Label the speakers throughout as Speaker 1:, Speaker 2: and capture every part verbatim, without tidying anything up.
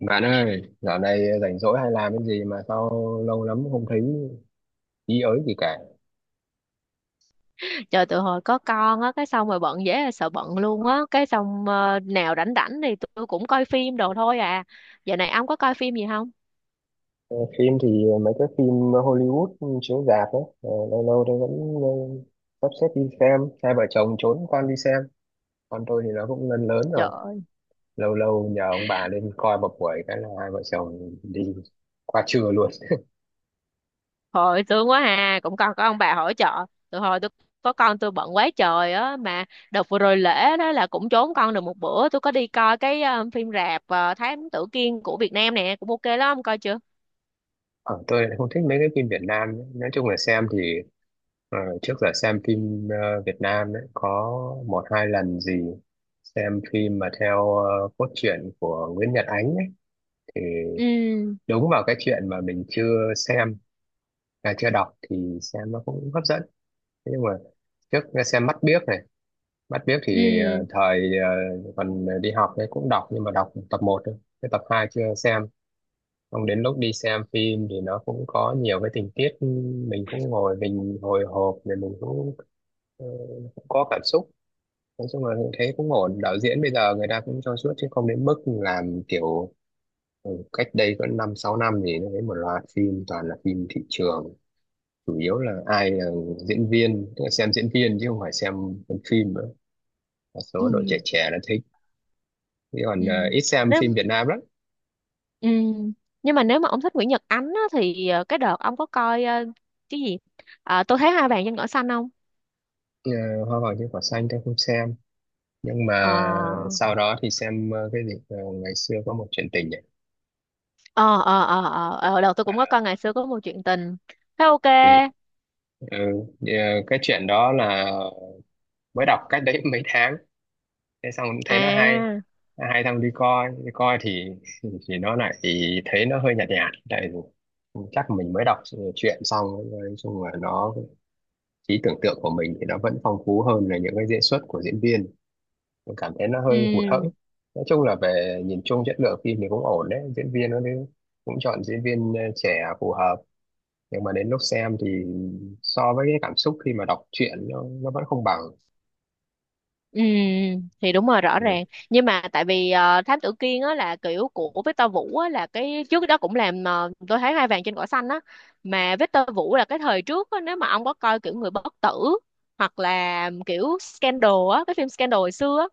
Speaker 1: Bạn ơi, dạo này rảnh rỗi hay làm cái gì mà sao lâu lắm không thấy ý ới gì cả.
Speaker 2: Trời, tụi hồi có con á, cái xong rồi bận, dễ là sợ bận luôn á. Cái xong ờ, nào rảnh rảnh thì tôi cũng coi phim đồ thôi à. Giờ này ông có coi phim gì không?
Speaker 1: Ờ, Phim thì mấy cái phim Hollywood chiếu rạp ấy, ờ, lâu lâu tôi vẫn ờ, sắp xếp đi xem, hai vợ chồng trốn con đi xem. Con tôi thì nó cũng lớn lớn
Speaker 2: Trời
Speaker 1: rồi,
Speaker 2: ơi,
Speaker 1: lâu lâu nhờ ông bà lên coi một buổi cái là hai vợ chồng đi qua trưa luôn.
Speaker 2: hồi thương quá à, cũng còn có ông bà hỗ trợ. Tụi hồi tôi có con tôi bận quá trời á. Mà đợt vừa rồi lễ đó là cũng trốn con được một bữa, tôi có đi coi cái ờ, phim rạp ờ, Thám Tử Kiên của Việt Nam nè, cũng ok lắm, ông coi chưa?
Speaker 1: Ờ, tôi lại không thích mấy cái phim Việt Nam ấy. Nói chung là xem thì ờ, trước giờ xem phim ờ, Việt Nam ấy, có một hai lần gì xem phim mà theo ờ, cốt truyện của Nguyễn Nhật Ánh ấy, thì
Speaker 2: ừ
Speaker 1: đúng vào cái chuyện mà mình chưa xem à, chưa đọc thì xem nó cũng hấp dẫn. Thế nhưng mà trước xem Mắt Biếc này, Mắt Biếc thì
Speaker 2: ừ
Speaker 1: ờ, thời ờ, còn đi học ấy cũng đọc nhưng mà đọc tập một thôi, cái tập hai chưa xem. Xong đến lúc đi xem phim thì nó cũng có nhiều cái tình tiết, mình cũng ngồi mình hồi hộp rồi mình cũng, ờ, cũng có cảm xúc. Nói chung là thấy cũng ổn, đạo diễn bây giờ người ta cũng cho suốt chứ không đến mức làm kiểu ừ, cách đây có năm sáu năm thì nó thấy một loạt phim toàn là phim thị trường, chủ yếu là ai là diễn viên, tức là xem diễn viên chứ không phải xem phần phim nữa, một
Speaker 2: ừ
Speaker 1: số đội trẻ trẻ nó thích, chứ
Speaker 2: ừ.
Speaker 1: còn ờ, ít xem
Speaker 2: Nếu.
Speaker 1: phim Việt Nam lắm.
Speaker 2: Ừ. Nhưng mà nếu mà ông thích Nguyễn Nhật Ánh á, thì ờ, cái đợt ông có coi ờ, cái gì, ờ, tôi thấy hai bạn trên cỏ xanh không?
Speaker 1: Ờ, Hoa vàng trên cỏ xanh tôi không xem, nhưng
Speaker 2: Ờ
Speaker 1: mà sau đó thì xem ờ, cái gì ờ, ngày xưa có một chuyện tình ấy.
Speaker 2: ờ ờ ờ ờ ờ, ờ, đợt tôi cũng có coi ngày xưa có một chuyện tình, thấy ok.
Speaker 1: thì ừ, thì, ờ, cái chuyện đó là mới đọc cách đấy mấy tháng, thế xong thấy nó hay.
Speaker 2: À,
Speaker 1: Nó hay thằng đi coi, đi coi thì thì nó lại thì thấy nó hơi nhạt nhạt, tại vì chắc mình mới đọc ờ, chuyện xong. Nói chung là nó, trí tưởng tượng của mình thì nó vẫn phong phú hơn là những cái diễn xuất của diễn viên, mình cảm thấy nó hơi hụt hẫng.
Speaker 2: ừ
Speaker 1: Nói chung là về nhìn chung chất lượng phim thì cũng ổn đấy, diễn viên nó đấy cũng chọn diễn viên ờ, trẻ phù hợp, nhưng mà đến lúc xem thì so với cái cảm xúc khi mà đọc truyện nó, nó vẫn không bằng.
Speaker 2: ừ, thì đúng rồi, rõ
Speaker 1: Ừ.
Speaker 2: ràng. Nhưng mà tại vì ờ, Thám Tử Kiên á là kiểu của Victor Vũ á, là cái trước đó cũng làm ờ, tôi thấy hai vàng trên cỏ xanh á. Mà Victor Vũ là cái thời trước á, nếu mà ông có coi kiểu người bất tử hoặc là kiểu scandal á, cái phim scandal hồi xưa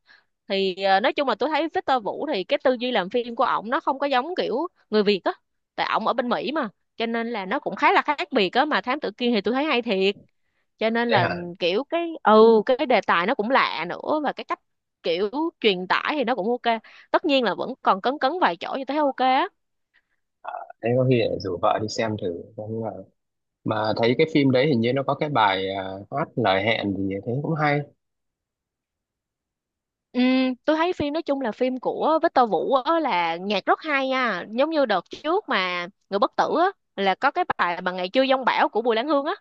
Speaker 2: thì ờ, nói chung là tôi thấy Victor Vũ thì cái tư duy làm phim của ổng nó không có giống kiểu người Việt á, tại ổng ở bên Mỹ mà, cho nên là nó cũng khá là khác biệt á. Mà Thám Tử Kiên thì tôi thấy hay thiệt, cho nên
Speaker 1: Thế
Speaker 2: là
Speaker 1: hả?
Speaker 2: kiểu cái ừ, cái đề tài nó cũng lạ nữa, và cái cách kiểu truyền tải thì nó cũng ok. Tất nhiên là vẫn còn cấn cấn vài chỗ, như thấy ok á.
Speaker 1: Thế có khi lại rủ vợ đi xem thử. Không ngờ mà thấy cái phim đấy hình như nó có cái bài ờ, hát Lời Hẹn gì thế cũng hay.
Speaker 2: Ừ, tôi thấy phim nói chung là phim của Victor Vũ á, là nhạc rất hay nha, giống như đợt trước mà Người Bất Tử á, là có cái bài mà Ngày Chưa Giông Bão của Bùi Lan Hương á,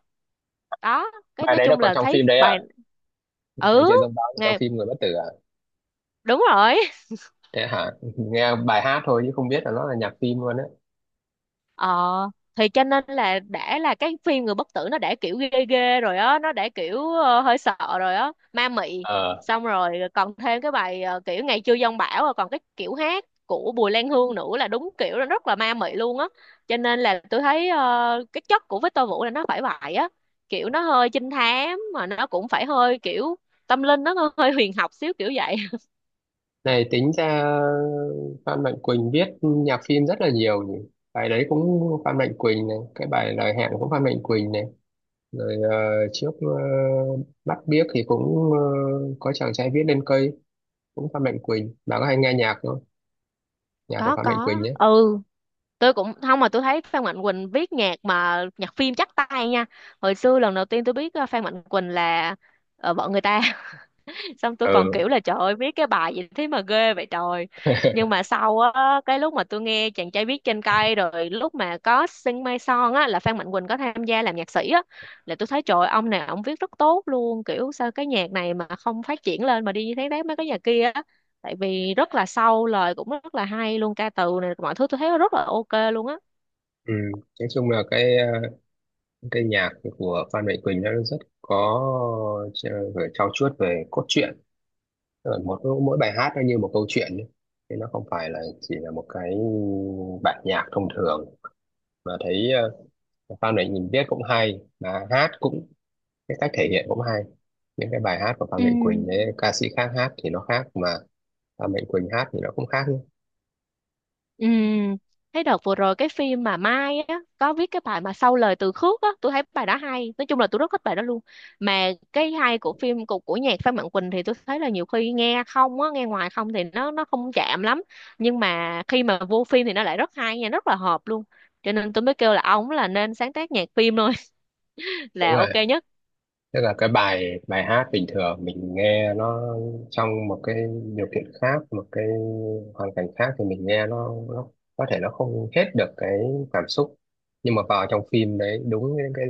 Speaker 2: đó, cái
Speaker 1: Bài
Speaker 2: nói
Speaker 1: đấy nó
Speaker 2: chung
Speaker 1: có
Speaker 2: là
Speaker 1: trong
Speaker 2: thấy
Speaker 1: phim đấy à?
Speaker 2: bài,
Speaker 1: Ngày
Speaker 2: ừ
Speaker 1: Chưa Giống Báo là trong
Speaker 2: ngày,
Speaker 1: phim Người Bất Tử à?
Speaker 2: đúng rồi.
Speaker 1: Thế hả? Nghe bài hát thôi chứ không biết là nó là nhạc phim luôn á.
Speaker 2: Ờ, thì cho nên là đã là cái phim Người Bất Tử nó đã kiểu ghê ghê rồi á, nó đã kiểu ờ, hơi sợ rồi á, ma mị.
Speaker 1: Ờ.
Speaker 2: Xong rồi còn thêm cái bài ờ, kiểu Ngày chưa giông bão, rồi còn cái kiểu hát của Bùi Lan Hương nữa là đúng kiểu là rất là ma mị luôn á. Cho nên là tôi thấy ờ, cái chất của Victor Vũ là nó phải vậy á, kiểu nó hơi trinh thám mà nó cũng phải hơi kiểu tâm linh, nó hơi huyền học xíu kiểu vậy.
Speaker 1: Này tính ra Phan Mạnh Quỳnh viết nhạc phim rất là nhiều nhỉ. Bài đấy cũng Phan Mạnh Quỳnh này, cái bài Lời Hẹn cũng Phan Mạnh Quỳnh này. Rồi ờ, trước ờ, Bắt Biếc thì cũng ờ, có Chàng Trai Viết Lên Cây cũng Phan Mạnh Quỳnh. Bà có hay nghe nhạc không? Nhạc của
Speaker 2: có
Speaker 1: Phan Mạnh
Speaker 2: có
Speaker 1: Quỳnh nhé.
Speaker 2: ừ, tôi cũng không. Mà tôi thấy Phan Mạnh Quỳnh viết nhạc mà nhạc phim chắc tay nha. Hồi xưa lần đầu tiên tôi biết ờ, Phan Mạnh Quỳnh là ờ, vợ người ta. Xong tôi còn kiểu
Speaker 1: Ừ.
Speaker 2: là trời ơi viết cái bài gì thế mà ghê vậy trời. Nhưng mà sau á, cái lúc mà tôi nghe chàng trai viết trên cây, rồi lúc mà có Sing Mai Son á, là Phan Mạnh Quỳnh có tham gia làm nhạc sĩ á, là tôi thấy trời ơi, ông này ông viết rất tốt luôn, kiểu sao cái nhạc này mà không phát triển lên mà đi như thế đấy mấy cái nhạc kia á. Tại vì rất là sâu, lời cũng rất là hay luôn, ca từ này mọi thứ tôi thấy rất là ok luôn á.
Speaker 1: Ừ. Nói chung là cái ờ, cái nhạc của Phan Mạnh Quỳnh nó rất có, ch- phải trau chuốt về cốt truyện. Tức là mỗi mỗi bài hát nó như một câu chuyện ấy. Thế nó không phải là chỉ là một cái bản nhạc thông thường, mà thấy ờ, Phan Mạnh Quỳnh viết cũng hay mà hát cũng, cái cách thể hiện cũng hay, những cái bài hát của Phan
Speaker 2: Ừ,
Speaker 1: Mạnh Quỳnh đấy ca sĩ khác hát thì nó khác, mà Phan Mạnh Quỳnh hát thì nó cũng khác.
Speaker 2: ừ. Thấy đợt vừa rồi cái phim mà Mai á có viết cái bài mà sau lời từ khước á, tôi thấy bài đó hay. Nói chung là tôi rất thích bài đó luôn. Mà cái hay của phim của của nhạc Phan Mạnh Quỳnh thì tôi thấy là nhiều khi nghe không á, nghe ngoài không thì nó nó không chạm lắm. Nhưng mà khi mà vô phim thì nó lại rất hay nha, rất là hợp luôn. Cho nên tôi mới kêu là ông là nên sáng tác nhạc phim thôi
Speaker 1: Đúng
Speaker 2: là ok
Speaker 1: rồi.
Speaker 2: nhất.
Speaker 1: Tức là cái bài, bài hát bình thường mình nghe nó trong một cái điều kiện khác, một cái hoàn cảnh khác thì mình nghe nó, nó có thể nó không hết được cái cảm xúc. Nhưng mà vào trong phim đấy, đúng những cái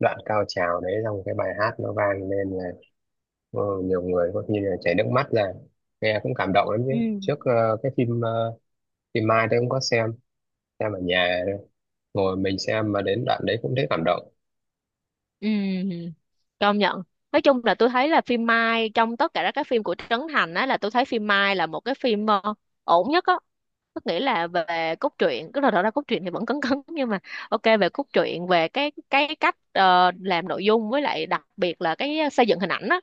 Speaker 1: đoạn cao trào đấy trong cái bài hát nó vang lên là ờ, nhiều người có khi là chảy nước mắt ra. Nghe cũng cảm động lắm chứ.
Speaker 2: Ừ.
Speaker 1: Trước ờ, cái phim ờ, phim Mai tôi cũng có xem, xem ở nhà thôi. Ngồi mình xem mà đến đoạn đấy cũng thấy cảm động.
Speaker 2: Ừ, công nhận. Nói chung là tôi thấy là phim Mai trong tất cả các phim của Trấn Thành á, là tôi thấy phim Mai là một cái phim ờ, ổn nhất á. Tức nghĩa là về cốt truyện, cứ là đó là cốt truyện thì vẫn cấn cấn nhưng mà ok. Về cốt truyện về cái cái cách ờ, làm nội dung, với lại đặc biệt là cái xây dựng hình ảnh á.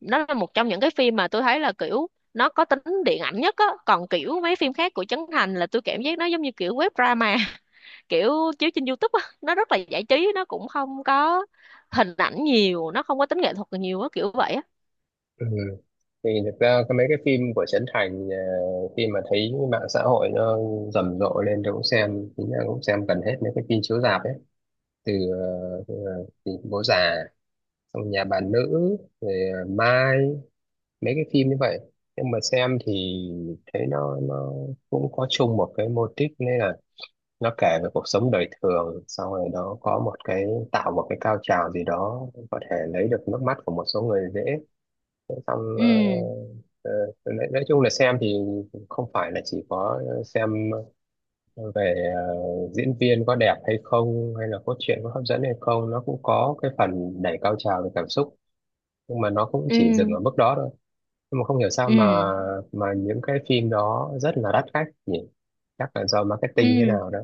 Speaker 2: Nó là một trong những cái phim mà tôi thấy là kiểu nó có tính điện ảnh nhất á. Còn kiểu mấy phim khác của Trấn Thành là tôi cảm giác nó giống như kiểu web drama, kiểu chiếu trên YouTube á, nó rất là giải trí, nó cũng không có hình ảnh nhiều, nó không có tính nghệ thuật nhiều á, kiểu vậy á.
Speaker 1: Ừ. Thì thực ra cái mấy cái phim của Trấn Thành, ờ, khi mà thấy mạng xã hội nó rầm rộ lên tôi cũng xem, chính là cũng xem gần hết mấy cái phim chiếu rạp ấy, từ, ờ, từ ờ, thì Bố Già, xong Nhà Bà Nữ, rồi ờ, Mai, mấy cái phim như vậy. Nhưng mà xem thì thấy nó nó cũng có chung một cái mô típ, nên là nó kể về cuộc sống đời thường, xong rồi nó có một cái, tạo một cái cao trào gì đó có thể lấy được nước mắt của một số người dễ, xong ờ,
Speaker 2: ừ
Speaker 1: ờ, nói, nói chung là xem thì không phải là chỉ có xem về ờ, diễn viên có đẹp hay không hay là cốt truyện có hấp dẫn hay không, nó cũng có cái phần đẩy cao trào về cảm xúc, nhưng mà nó cũng chỉ dừng
Speaker 2: ừ
Speaker 1: ở mức đó thôi. Nhưng mà không hiểu sao mà
Speaker 2: ừ
Speaker 1: mà những cái phim đó rất là đắt khách nhỉ, chắc là do marketing thế
Speaker 2: ừ
Speaker 1: nào đó.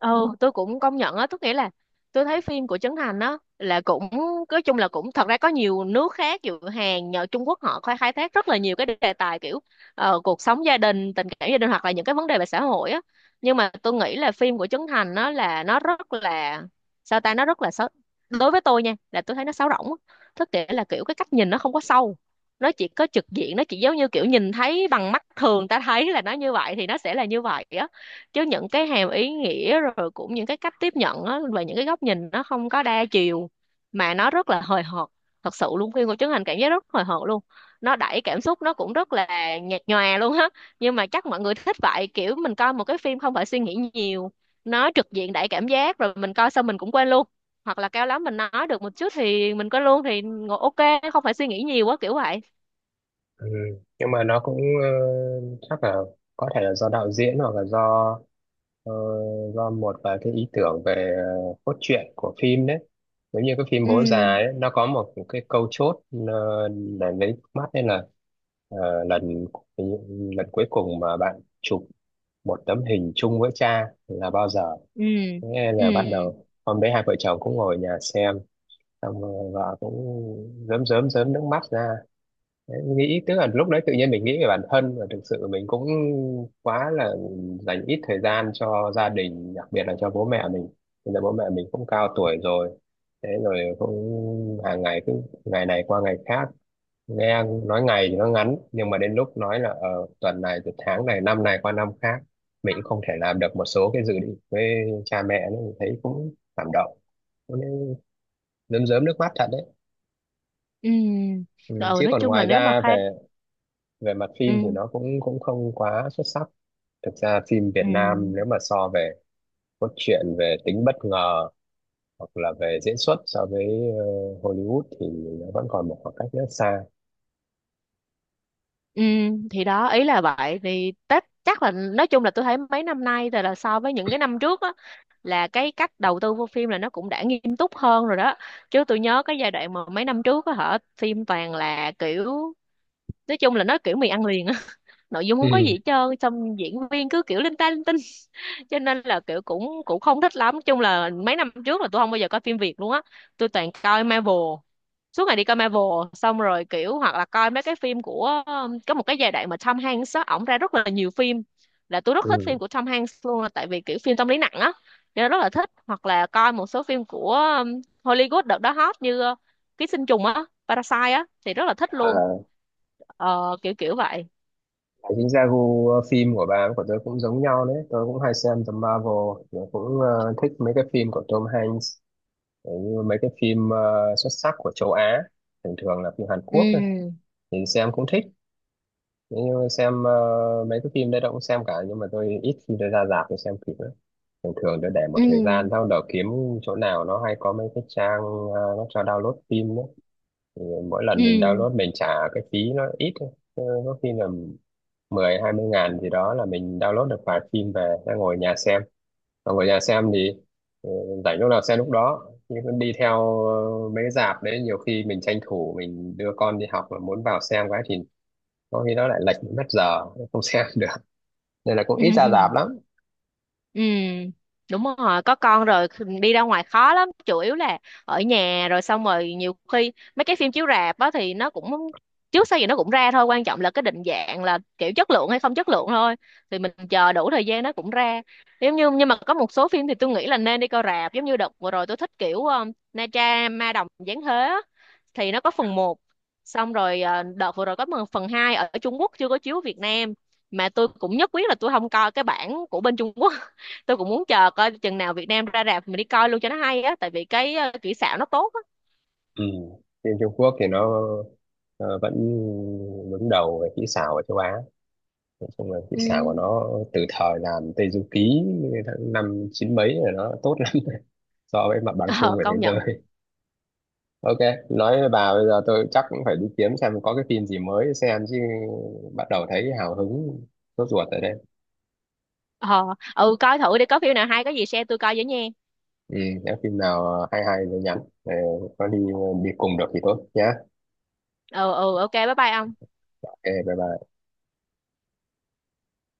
Speaker 2: ừ tôi cũng công nhận á, tức nghĩa là tôi thấy phim của Trấn Thành á là cũng nói chung là cũng, thật ra có nhiều nước khác dù Hàn nhờ Trung Quốc họ khai khai thác rất là nhiều cái đề tài kiểu ờ, cuộc sống gia đình, tình cảm gia đình, hoặc là những cái vấn đề về xã hội á. Nhưng mà tôi nghĩ là phim của Trấn Thành nó là nó rất là, sao ta, nó rất là xấu, đối với tôi nha, là tôi thấy nó sáo rỗng á. Tức nghĩa là kiểu cái cách nhìn nó không có sâu, nó chỉ có trực diện, nó chỉ giống như kiểu nhìn thấy bằng mắt thường, ta thấy là nó như vậy thì nó sẽ là như vậy á. Chứ những cái hàm ý nghĩa rồi cũng những cái cách tiếp nhận á, và những cái góc nhìn nó không có đa chiều, mà nó rất là hời hợt. Thật sự luôn, phim của Trấn Thành cảm giác rất hời hợt luôn, nó đẩy cảm xúc nó cũng rất là nhạt nhòa luôn á. Nhưng mà chắc mọi người thích vậy, kiểu mình coi một cái phim không phải suy nghĩ nhiều, nó trực diện đẩy cảm giác, rồi mình coi xong mình cũng quên luôn, hoặc là cao lắm mình nói được một chút thì mình quên luôn, thì ngồi ok, không phải suy nghĩ nhiều quá kiểu vậy.
Speaker 1: Ừ. Nhưng mà nó cũng ờ, chắc là có thể là do đạo diễn hoặc là do ờ, do một vài cái ý tưởng về ờ, cốt truyện của phim đấy. Giống như cái phim Bố Già
Speaker 2: ừ
Speaker 1: ấy, nó có một cái câu chốt ờ, để lấy nước mắt, nên là ờ, lần lần cuối cùng mà bạn chụp một tấm hình chung với cha là bao giờ?
Speaker 2: ừ
Speaker 1: Thế nên
Speaker 2: ừ
Speaker 1: là bắt đầu hôm đấy hai vợ chồng cũng ngồi ở nhà xem, xong rồi vợ cũng rớm rớm rớm nước mắt ra. Đấy, nghĩ, tức là lúc đấy tự nhiên mình nghĩ về bản thân và thực sự mình cũng quá là dành ít thời gian cho gia đình, đặc biệt là cho bố mẹ mình, bây giờ bố mẹ mình cũng cao tuổi rồi, thế rồi cũng hàng ngày cứ ngày này qua ngày khác, nghe nói ngày thì nó ngắn nhưng mà đến lúc nói là ờ, tuần này từ tháng này, năm này qua năm khác mình cũng không thể làm được một số cái dự định với cha mẹ nữa, mình thấy cũng cảm động, cũng nên rơm rớm nước mắt thật đấy.
Speaker 2: ừ
Speaker 1: Ừ.
Speaker 2: ừ ừ
Speaker 1: Chứ
Speaker 2: Nói
Speaker 1: còn
Speaker 2: chung là
Speaker 1: ngoài
Speaker 2: nếu mà
Speaker 1: ra
Speaker 2: khai,
Speaker 1: về về mặt phim thì
Speaker 2: ừ.
Speaker 1: nó cũng cũng không quá xuất sắc. Thực ra phim
Speaker 2: Ừ.
Speaker 1: Việt Nam nếu mà so về cốt truyện, về tính bất ngờ hoặc là về diễn xuất so với ờ, Hollywood thì nó vẫn còn một khoảng cách rất xa.
Speaker 2: Ừ, thì đó ý là vậy. Thì tất chắc là nói chung là tôi thấy mấy năm nay thì là so với những cái năm trước á, là cái cách đầu tư vô phim là nó cũng đã nghiêm túc hơn rồi đó. Chứ tôi nhớ cái giai đoạn mà mấy năm trước á hả, phim toàn là kiểu, nói chung là nó kiểu mì ăn liền á. Nội dung không có gì
Speaker 1: Ừ
Speaker 2: hết trơn, xong diễn viên cứ kiểu linh ta linh tinh, cho nên là kiểu cũng cũng không thích lắm. Nói chung là mấy năm trước là tôi không bao giờ coi phim Việt luôn á, tôi toàn coi Marvel, suốt ngày đi coi Marvel. Xong rồi kiểu hoặc là coi mấy cái phim của um, có một cái giai đoạn mà Tom Hanks á, ổng ra rất là nhiều phim, là tôi rất thích phim
Speaker 1: ừ.
Speaker 2: của Tom Hanks luôn, là tại vì kiểu phim tâm lý nặng á, cho nên rất là thích. Hoặc là coi một số phim của um, Hollywood đợt đó hot như uh, Ký sinh trùng á, Parasite á, thì rất là thích luôn.
Speaker 1: À,
Speaker 2: Ờ, kiểu kiểu vậy.
Speaker 1: chính ra gu ờ, phim của bà với của tôi cũng giống nhau đấy, tôi cũng hay xem The Marvel, tôi cũng ờ, thích mấy cái phim của Tom Hanks, cũng như mấy cái phim ờ, xuất sắc của châu Á, thường thường là phim Hàn
Speaker 2: ừ
Speaker 1: Quốc ấy, thì xem cũng thích. Nếu như xem ờ, mấy cái phim đấy tôi cũng xem cả, nhưng mà tôi ít khi tôi ra rạp tôi xem kịp lắm. Thường thường tôi để một
Speaker 2: ừ
Speaker 1: thời gian sau đó kiếm chỗ nào nó hay, có mấy cái trang ờ, nó cho download phim đó. Thì mỗi lần mình
Speaker 2: ừ
Speaker 1: download mình trả cái phí nó ít thôi. Ờ, Có khi là mười hai mươi ngàn gì đó là mình download được vài phim về ra ngồi nhà xem. Mà ngồi nhà xem thì ờ, rảnh lúc nào xem lúc đó. Nhưng mà đi theo ờ, mấy cái rạp đấy nhiều khi mình tranh thủ mình đưa con đi học mà muốn vào xem cái thì có khi nó lại lệch mất giờ không xem được, nên là cũng ít ra
Speaker 2: ừ
Speaker 1: rạp lắm.
Speaker 2: Ừ, đúng rồi, có con rồi đi ra ngoài khó lắm, chủ yếu là ở nhà. Rồi xong rồi nhiều khi mấy cái phim chiếu rạp á thì nó cũng trước sau gì nó cũng ra thôi, quan trọng là cái định dạng, là kiểu chất lượng hay không chất lượng thôi. Thì mình chờ đủ thời gian nó cũng ra. Giống như, nhưng mà có một số phim thì tôi nghĩ là nên đi coi rạp, giống như đợt vừa rồi tôi thích kiểu um, Na Tra Ma Đồng Giáng Thế á, thì nó có phần một. Xong rồi ờ, đợt vừa rồi có một phần hai ở Trung Quốc chưa có chiếu Việt Nam, mà tôi cũng nhất quyết là tôi không coi cái bản của bên Trung Quốc, tôi cũng muốn chờ coi chừng nào Việt Nam ra rạp mình đi coi luôn cho nó hay á, tại vì cái ờ, kỹ xảo nó tốt á.
Speaker 1: Ừ. Phim Trung Quốc thì nó ờ, vẫn đứng đầu về kỹ xảo ở châu Á, nói chung là kỹ
Speaker 2: Ừ.
Speaker 1: xảo của nó từ thời làm Tây Du Ký tháng năm chín mấy là nó tốt lắm so với mặt bằng chung
Speaker 2: Ờ,
Speaker 1: của thế
Speaker 2: công nhận.
Speaker 1: giới. OK, nói với bà bây giờ tôi chắc cũng phải đi kiếm xem có cái phim gì mới xem chứ, bắt đầu thấy hào hứng, sốt ruột rồi đây.
Speaker 2: Ờ ừ, coi thử đi, có phim nào hay có gì share tôi coi với nha.
Speaker 1: ừ, nếu phim nào hay hay thì nhắn. Ờ, có đi đi cùng được thì tốt nhé.
Speaker 2: Ừ ừ, ok bye bye ông.
Speaker 1: OK bye bye.